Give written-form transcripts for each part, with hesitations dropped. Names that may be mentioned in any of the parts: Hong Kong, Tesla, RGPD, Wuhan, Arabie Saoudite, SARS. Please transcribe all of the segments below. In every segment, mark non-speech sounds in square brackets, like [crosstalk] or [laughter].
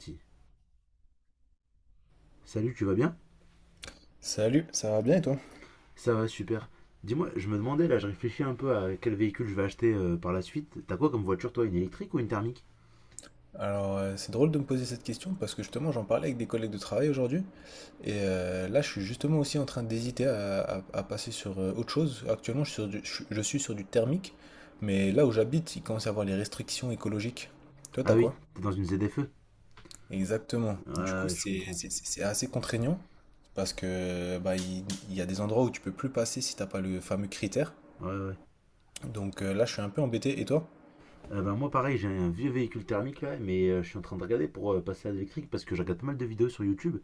Si. Salut, tu vas bien? Salut, ça va bien et toi? Ça va, super. Dis-moi, je me demandais, là, je réfléchis un peu à quel véhicule je vais acheter par la suite. T'as quoi comme voiture, toi? Une électrique ou une thermique? Alors, c'est drôle de me poser cette question parce que justement, j'en parlais avec des collègues de travail aujourd'hui et là, je suis justement aussi en train d'hésiter à passer sur autre chose. Actuellement, je suis sur du thermique, mais là où j'habite, il commence à y avoir les restrictions écologiques. Toi, Ah t'as oui, quoi? t'es dans une ZFE? Exactement. Ouais, Du coup, ouais, je c'est comprends. c'est- c'est- c'est assez contraignant parce que bah, il y a des endroits où tu peux plus passer si t'as pas le fameux critère. Ouais, ouais. Donc là, je suis un peu embêté. Et toi? Bah, moi, pareil, j'ai un vieux véhicule thermique, là, mais je suis en train de regarder pour passer à l'électrique parce que je regarde pas mal de vidéos sur YouTube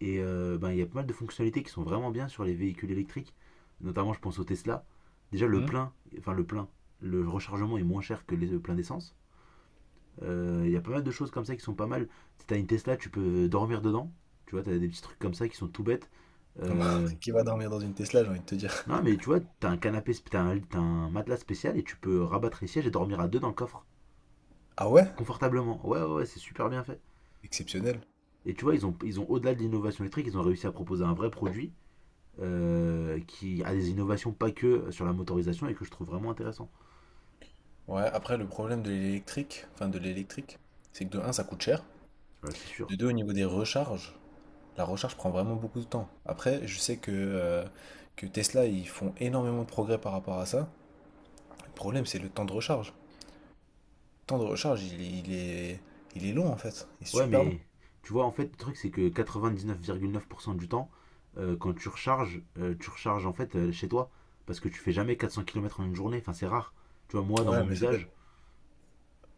et ben, il y a pas mal de fonctionnalités qui sont vraiment bien sur les véhicules électriques. Notamment, je pense au Tesla. Déjà, le Hmm. plein, enfin, le plein, le rechargement est moins cher que le plein d'essence. Il y a pas mal de choses comme ça qui sont pas mal. Si t'as une Tesla, tu peux dormir dedans. Tu vois, t'as des petits trucs comme ça qui sont tout bêtes. [laughs] Bah, Euh, qui va dormir dans une Tesla, j'ai envie de te dire. non, mais tu vois, t'as un canapé, t'as un matelas spécial et tu peux rabattre les sièges et dormir à deux dans le coffre, Ah ouais? confortablement. Ouais, ouais, ouais, c'est super bien fait. Exceptionnel. Et tu vois, ils ont au-delà de l'innovation électrique, ils ont réussi à proposer un vrai produit qui a des innovations pas que sur la motorisation et que je trouve vraiment intéressant. Ouais, après le problème de l'électrique, enfin de l'électrique, c'est que de un ça coûte cher, Voilà, c'est sûr. de 2 au niveau des recharges, la recharge prend vraiment beaucoup de temps. Après, je sais que Tesla ils font énormément de progrès par rapport à ça. Le problème c'est le temps de recharge. Le temps de recharge il est long en fait, il est Ouais, super long. mais tu vois, en fait, le truc, c'est que quatre-vingt-dix-neuf neuf virgule neuf pour cent du temps, quand tu recharges en fait chez toi. Parce que tu fais jamais 400 km en une journée. Enfin, c'est rare. Tu vois, moi, dans Ouais, mon mais ça veut, usage,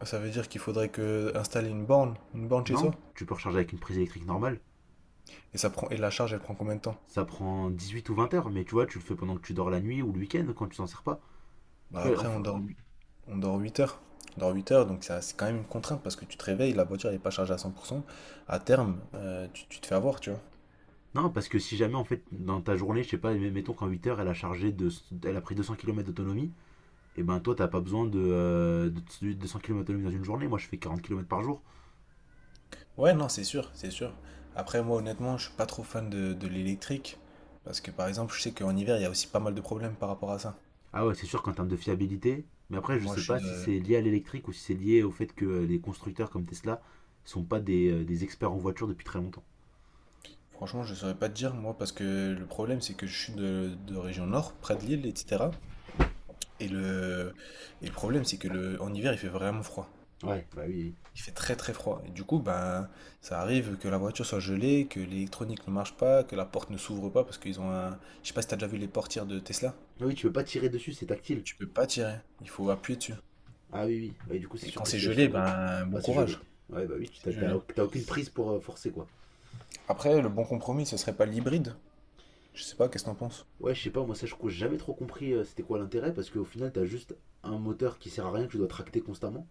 ça veut dire qu'il faudrait que installer une borne chez non, soi. tu peux recharger avec une prise électrique normale. Et la charge elle prend combien de temps? Ça prend 18 ou 20 heures, mais tu vois, tu le fais pendant que tu dors la nuit ou le week-end quand tu t'en sers pas. Bah Tu vois, après on enfin- dort. On dort 8 heures. On dort 8 heures, donc c'est quand même une contrainte parce que tu te réveilles, la voiture n'est pas chargée à 100%. À terme, tu te fais avoir, tu vois. non, parce que si jamais, en fait, dans ta journée, je sais pas, mettons qu'en 8 heures, elle a pris 200 km d'autonomie, et ben toi, t'as pas besoin de 200 km d'autonomie dans une journée. Moi, je fais 40 km par jour. Ouais, non, c'est sûr, c'est sûr. Après, moi, honnêtement, je suis pas trop fan de l'électrique parce que, par exemple, je sais qu'en hiver, il y a aussi pas mal de problèmes par rapport à ça. Ah ouais, c'est sûr qu'en termes de fiabilité, mais après, je Moi, sais je pas suis si de... c'est lié à l'électrique ou si c'est lié au fait que les constructeurs comme Tesla sont pas des, des experts en voiture depuis très longtemps. Franchement, je saurais pas te dire, moi, parce que le problème, c'est que je suis de région nord, près de Lille, etc. Et le, et le problème, c'est que en hiver, il fait vraiment froid. Ouais, bah oui, oui. Il fait très très froid. Et du coup, ben, ça arrive que la voiture soit gelée, que l'électronique ne marche pas, que la porte ne s'ouvre pas parce qu'ils ont un. Je sais pas si t'as déjà vu les portières de Tesla. Ah oui, tu peux pas tirer dessus, c'est tactile. Tu peux pas tirer. Il faut appuyer dessus. Ah oui, oui. Ouais, du coup, c'est Et sûr quand que c'est si elle gelé, s'ouvre, ben, bah bon c'est gelé. courage. Ouais, bah oui, tu C'est t'as- t'as gelé. t'as aucune prise pour forcer quoi. Après, le bon compromis, ce serait pas l'hybride. Je sais pas, qu'est-ce que t'en penses? Ouais, je sais pas, moi ça, je crois que j'ai jamais trop compris c'était quoi l'intérêt parce qu'au final, t'as juste un moteur qui sert à rien que tu dois tracter constamment.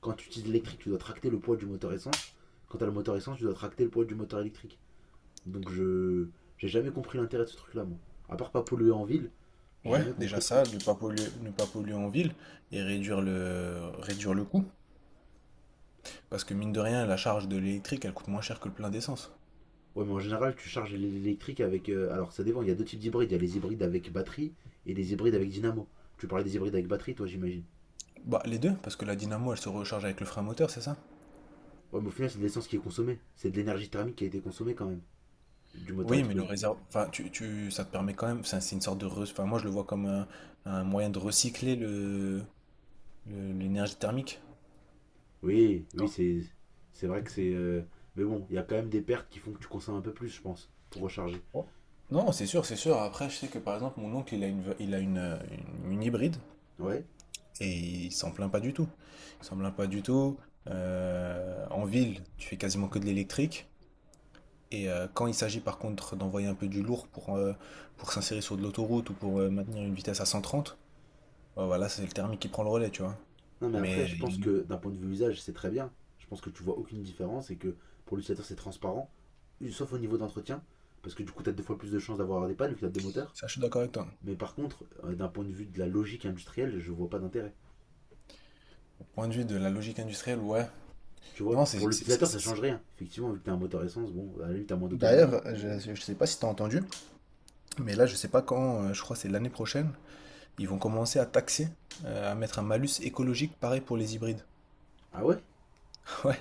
Quand tu utilises l'électrique, tu dois tracter le poids du moteur essence. Quand t'as le moteur essence, tu dois tracter le poids du moteur électrique. Donc je j'ai jamais compris l'intérêt de ce truc-là, moi. À part pas polluer en ville, j'ai Ouais, jamais déjà compris le truc. ça, ne pas polluer, ne pas polluer en ville et réduire le coût. Parce que mine de rien, la charge de l'électrique, elle coûte moins cher que le plein d'essence. Ouais, mais en général, tu charges l'électrique avec. Alors ça dépend, il y a deux types d'hybrides. Il y a les hybrides avec batterie et les hybrides avec dynamo. Tu parlais des hybrides avec batterie, toi, j'imagine. Bah, les deux, parce que la dynamo, elle se recharge avec le frein moteur, c'est ça? Ouais, mais au final, c'est de l'essence qui est consommée. C'est de l'énergie thermique qui a été consommée quand même, du moteur à Oui, mais le explosion. réservoir, enfin, ça te permet quand même, enfin, c'est une sorte enfin, moi je le vois comme un moyen de recycler l'énergie thermique. Oui, oui, c'est vrai que c'est. Mais bon, il y a quand même des pertes qui font que tu consommes un peu plus, je pense, pour recharger. Non, non, c'est sûr, c'est sûr. Après, je sais que par exemple, mon oncle, il a une, une hybride Ouais. et il s'en plaint pas du tout. Il s'en plaint pas du tout. En ville, tu fais quasiment que de l'électrique. Et quand il s'agit par contre d'envoyer un peu du lourd pour s'insérer sur de l'autoroute ou pour maintenir une vitesse à 130, bah voilà, c'est le thermique qui prend le relais, tu vois. Non, mais après, Mais je pense que d'un point de vue usage, c'est très bien. Je pense que tu vois aucune différence et que pour l'utilisateur, c'est transparent, sauf au niveau d'entretien, parce que du coup, tu as deux fois plus de chances d'avoir des pannes vu que tu as deux moteurs. ça, je suis d'accord avec toi. Mais par contre, d'un point de vue de la logique industrielle, je vois pas d'intérêt. Au point de vue de la logique industrielle, ouais. Tu vois, Non, c'est. pour c'est- c'est- l'utilisateur, ça c'est- c'est- change rien. Effectivement, vu que t'as un moteur essence, bon, à la limite, t'as moins d'autonomie. D'ailleurs, je ne sais pas si tu as entendu, mais là, je sais pas quand, je crois que c'est l'année prochaine, ils vont commencer à taxer, à mettre un malus écologique pareil pour les hybrides. Ah ouais. [laughs] Ouais,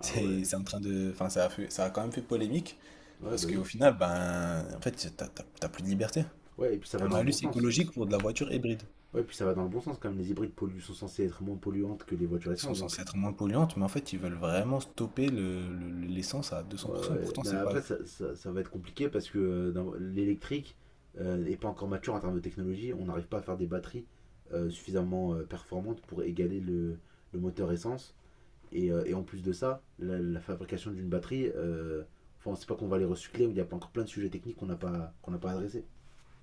Ah ouais. c'est en train de. Enfin, ça a quand même fait polémique, Ouais, parce bah oui. qu'au final, ben, en fait, t'as plus de liberté. Ouais, et puis ça va Un dans le bon malus sens. écologique pour de la voiture hybride. Ouais, et puis ça va dans le bon sens, quand même. Les hybrides polluent, sont censés être moins polluantes que les voitures Ils sont essence, donc censés être moins polluantes, mais en fait, ils veulent vraiment stopper l'essence à ouais, 200%. ouais, Pourtant, mais c'est pas, après, ça va être compliqué parce que l'électrique n'est pas encore mature en termes de technologie. On n'arrive pas à faire des batteries suffisamment performantes pour égaler le moteur essence. Et en plus de ça, la fabrication d'une batterie, enfin, c'est pas qu'on va les recycler, il y a pas encore plein de sujets techniques qu'on n'a pas adressés.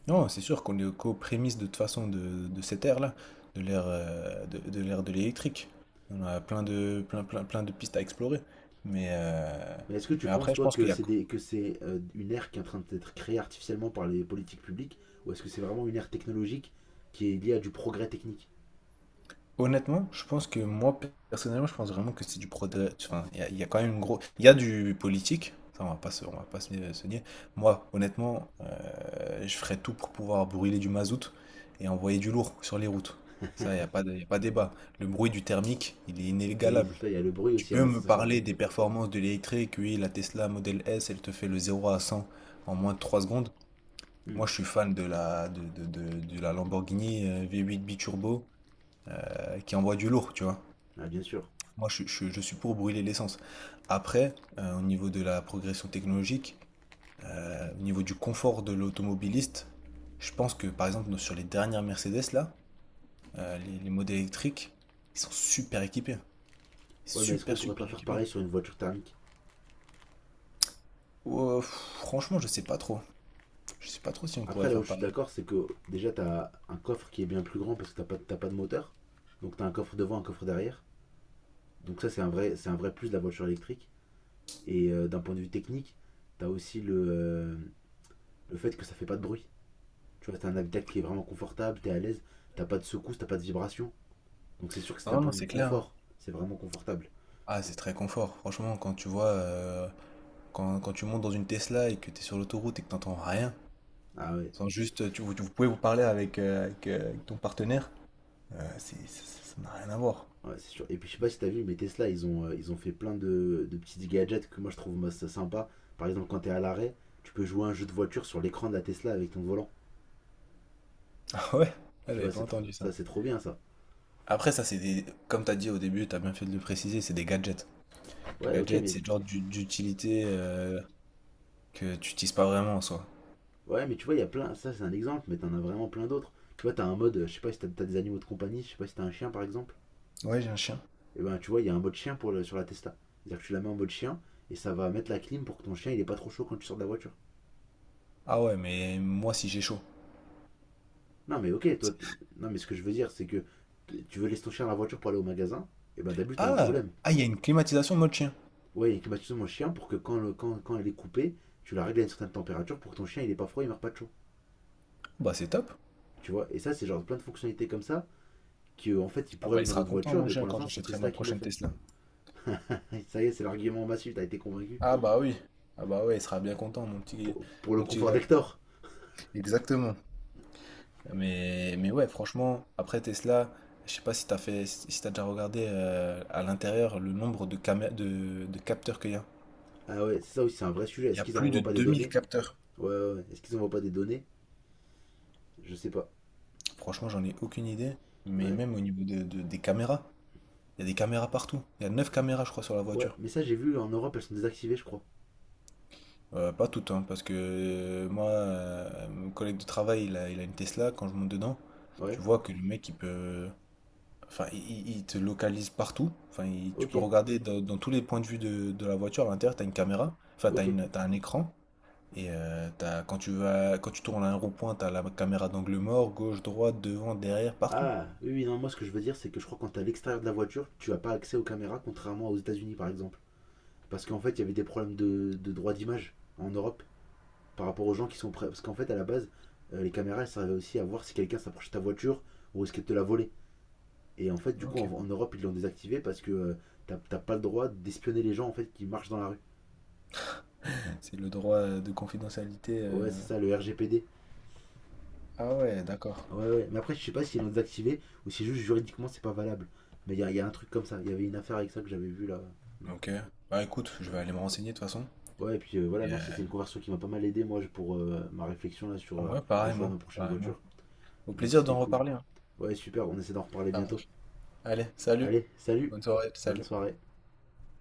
non, c'est sûr qu'on est qu'aux prémices de toute façon de cette ère-là, de l'ère de l'électrique. On a plein de pistes à explorer. Mais euh, Mais est-ce que tu mais penses, après, je toi, pense que qu'il y a que c'est une ère qui est en train d'être créée artificiellement par les politiques publiques, ou est-ce que c'est vraiment une ère technologique qui est liée à du progrès technique? honnêtement, je pense que moi personnellement, je pense vraiment que c'est du progrès. Enfin, il y a quand même il y a du politique. Ça, on va pas se, on va pas se, se nier. Moi, honnêtement, je ferais tout pour pouvoir brûler du mazout et envoyer du lourd sur les routes. Ça, il n'y a pas de, y a pas débat. Le bruit du thermique, il est Oui, inégalable. c'est ça, il y a le bruit Tu aussi, il y a peux la me sensation de parler des conduite. performances de l'électrique? Oui, la Tesla Model S, elle te fait le 0 à 100 en moins de 3 secondes. Hmm. Moi, je suis fan de la Lamborghini V8 Biturbo qui envoie du lourd, tu vois. Ah, bien sûr. Moi, je suis pour brûler l'essence. Après, au niveau de la progression technologique, au niveau du confort de l'automobiliste, je pense que, par exemple, sur les dernières Mercedes, là, les modèles électriques, ils sont super équipés. Ouais, mais est-ce qu'on Super, pourrait pas super faire équipés. pareil sur une voiture thermique? Ouais, pff, franchement, je sais pas trop. Je sais pas trop si on Après, pourrait là où faire je suis pareil. d'accord, c'est que déjà, t'as un coffre qui est bien plus grand parce que t'as pas de moteur. Donc, t'as un coffre devant, un coffre derrière. Donc, ça, c'est un vrai plus de la voiture électrique. Et d'un point de vue technique, t'as aussi le fait que ça fait pas de bruit. Tu vois, t'as un habitacle qui est vraiment confortable, t'es à l'aise, t'as pas de secousses, t'as pas de vibrations. Donc, c'est sûr que c'est d'un Non, point non, de vue c'est clair. confort, c'est vraiment confortable. Ah, Donc, c'est très confort. Franchement, quand tu vois, quand tu montes dans une Tesla et que tu es sur l'autoroute et que t'entends rien, ah ouais, sans juste, vous pouvez vous parler avec ton partenaire, ça n'a rien à voir. ouais, c'est sûr. Et puis je sais pas si t'as vu, [laughs] mais Tesla, ils ont fait plein de petits gadgets que moi je trouve moi, ça sympa. Par exemple, quand t'es à l'arrêt, tu peux jouer à un jeu de voiture sur l'écran de la Tesla avec ton volant. Ah ouais? Ah, Tu j'avais vois, pas entendu ça. ça, c'est trop bien ça. Après, ça, c'est des, comme t'as dit au début, t'as bien fait de le préciser, c'est des gadgets. Ouais, ok, Gadgets, mais c'est le genre d'utilité que tu utilises pas vraiment en soi. ouais, mais tu vois, il y a plein. Ça, c'est un exemple, mais t'en as vraiment plein d'autres. Tu vois, t'as un mode, je sais pas si t'as des animaux de compagnie, je sais pas si t'as un chien par exemple. Ouais, j'ai un chien. Et ben, tu vois, il y a un mode chien pour le, sur la Tesla. C'est-à-dire que tu la mets en mode chien et ça va mettre la clim pour que ton chien il est pas trop chaud quand tu sors de la voiture. Ah ouais, mais moi, si j'ai chaud. Non, mais ok, toi. Non, mais ce que je veux dire, c'est que tu veux laisser ton chien dans la voiture pour aller au magasin, et ben d'abord, t'as un Ah! problème. Ah, il y a une climatisation mode chien. Ouais, il climatise mon chien pour que quand elle est coupée, tu la règles à une certaine température pour que ton chien il est pas froid, il meurt pas de chaud. Bah c'est top. Tu vois, et ça, c'est genre plein de fonctionnalités comme ça, qui en fait, ils Ah pourraient bah il mettre dans sera d'autres content voitures, mon mais pour chien quand l'instant, c'est j'achèterai Tesla ma qui le prochaine fait. Tesla. [laughs] Ça y est, c'est l'argument massif, t'as été convaincu. Ah bah oui. Ah bah ouais, il sera bien content mon petit Pour le mon petit confort gars. d'Hector. Exactement. Mais ouais, franchement, après Tesla, je sais pas si t'as déjà regardé à l'intérieur le nombre de capteurs qu'il y a. Ah ouais, c'est ça aussi, c'est un vrai sujet. Il y Est-ce a qu'ils plus envoient de pas des 2 000 données? capteurs. Ouais, ouais, ouais. Est-ce qu'ils envoient pas des données? Je sais pas. Franchement, j'en ai aucune idée, mais Ouais. même au niveau des caméras, il y a des caméras partout. Il y a 9 caméras je crois sur la Ouais, voiture. mais ça, j'ai vu en Europe, elles sont désactivées, je crois. Pas tout hein, parce que moi, mon collègue de travail, il a une Tesla. Quand je monte dedans, Ouais, tu vois que le mec, il peut. Enfin, il te localise partout. Enfin, tu ok, peux regarder dans tous les points de vue de la voiture. À l'intérieur, t'as une caméra. Enfin, t'as ok. une, t'as un écran. Et quand tu tournes à un rond-point, t'as la caméra d'angle mort, gauche, droite, devant, derrière, partout. Ah, oui, oui, non, moi ce que je veux dire, c'est que je crois que quand t'es à l'extérieur de la voiture, tu n'as pas accès aux caméras, contrairement aux États-Unis par exemple. Parce qu'en fait, il y avait des problèmes de droit d'image en Europe par rapport aux gens qui sont prêts. Parce qu'en fait, à la base, les caméras, elles servaient aussi à voir si quelqu'un s'approchait de ta voiture ou risquait de te la voler. Et en fait, du coup, Ok. en Europe, ils l'ont désactivé parce que t'as pas le droit d'espionner les gens en fait qui marchent dans la rue. C'est le droit de confidentialité. Ouais, c'est ça, le RGPD. Ah ouais, d'accord. Ouais, ouais. Mais après, je sais pas s'ils l'ont désactivé ou si juste juridiquement c'est pas valable. Mais il y a un truc comme ça. Il y avait une affaire avec ça que j'avais vu là. Hmm. Ok. Bah écoute, je vais Ouais. aller me renseigner de toute façon. Ouais, et puis voilà, Et, merci, c'est une conversion qui m'a pas mal aidé, moi, pour ma réflexion là sur ouais, le choix de pareillement, ma prochaine pareillement. voiture. Au Donc plaisir c'était d'en cool. reparler, hein. Ouais, super, on essaie d'en reparler Ça bientôt. marche. Allez, salut. Allez, salut, Bonne soirée, bonne salut. soirée.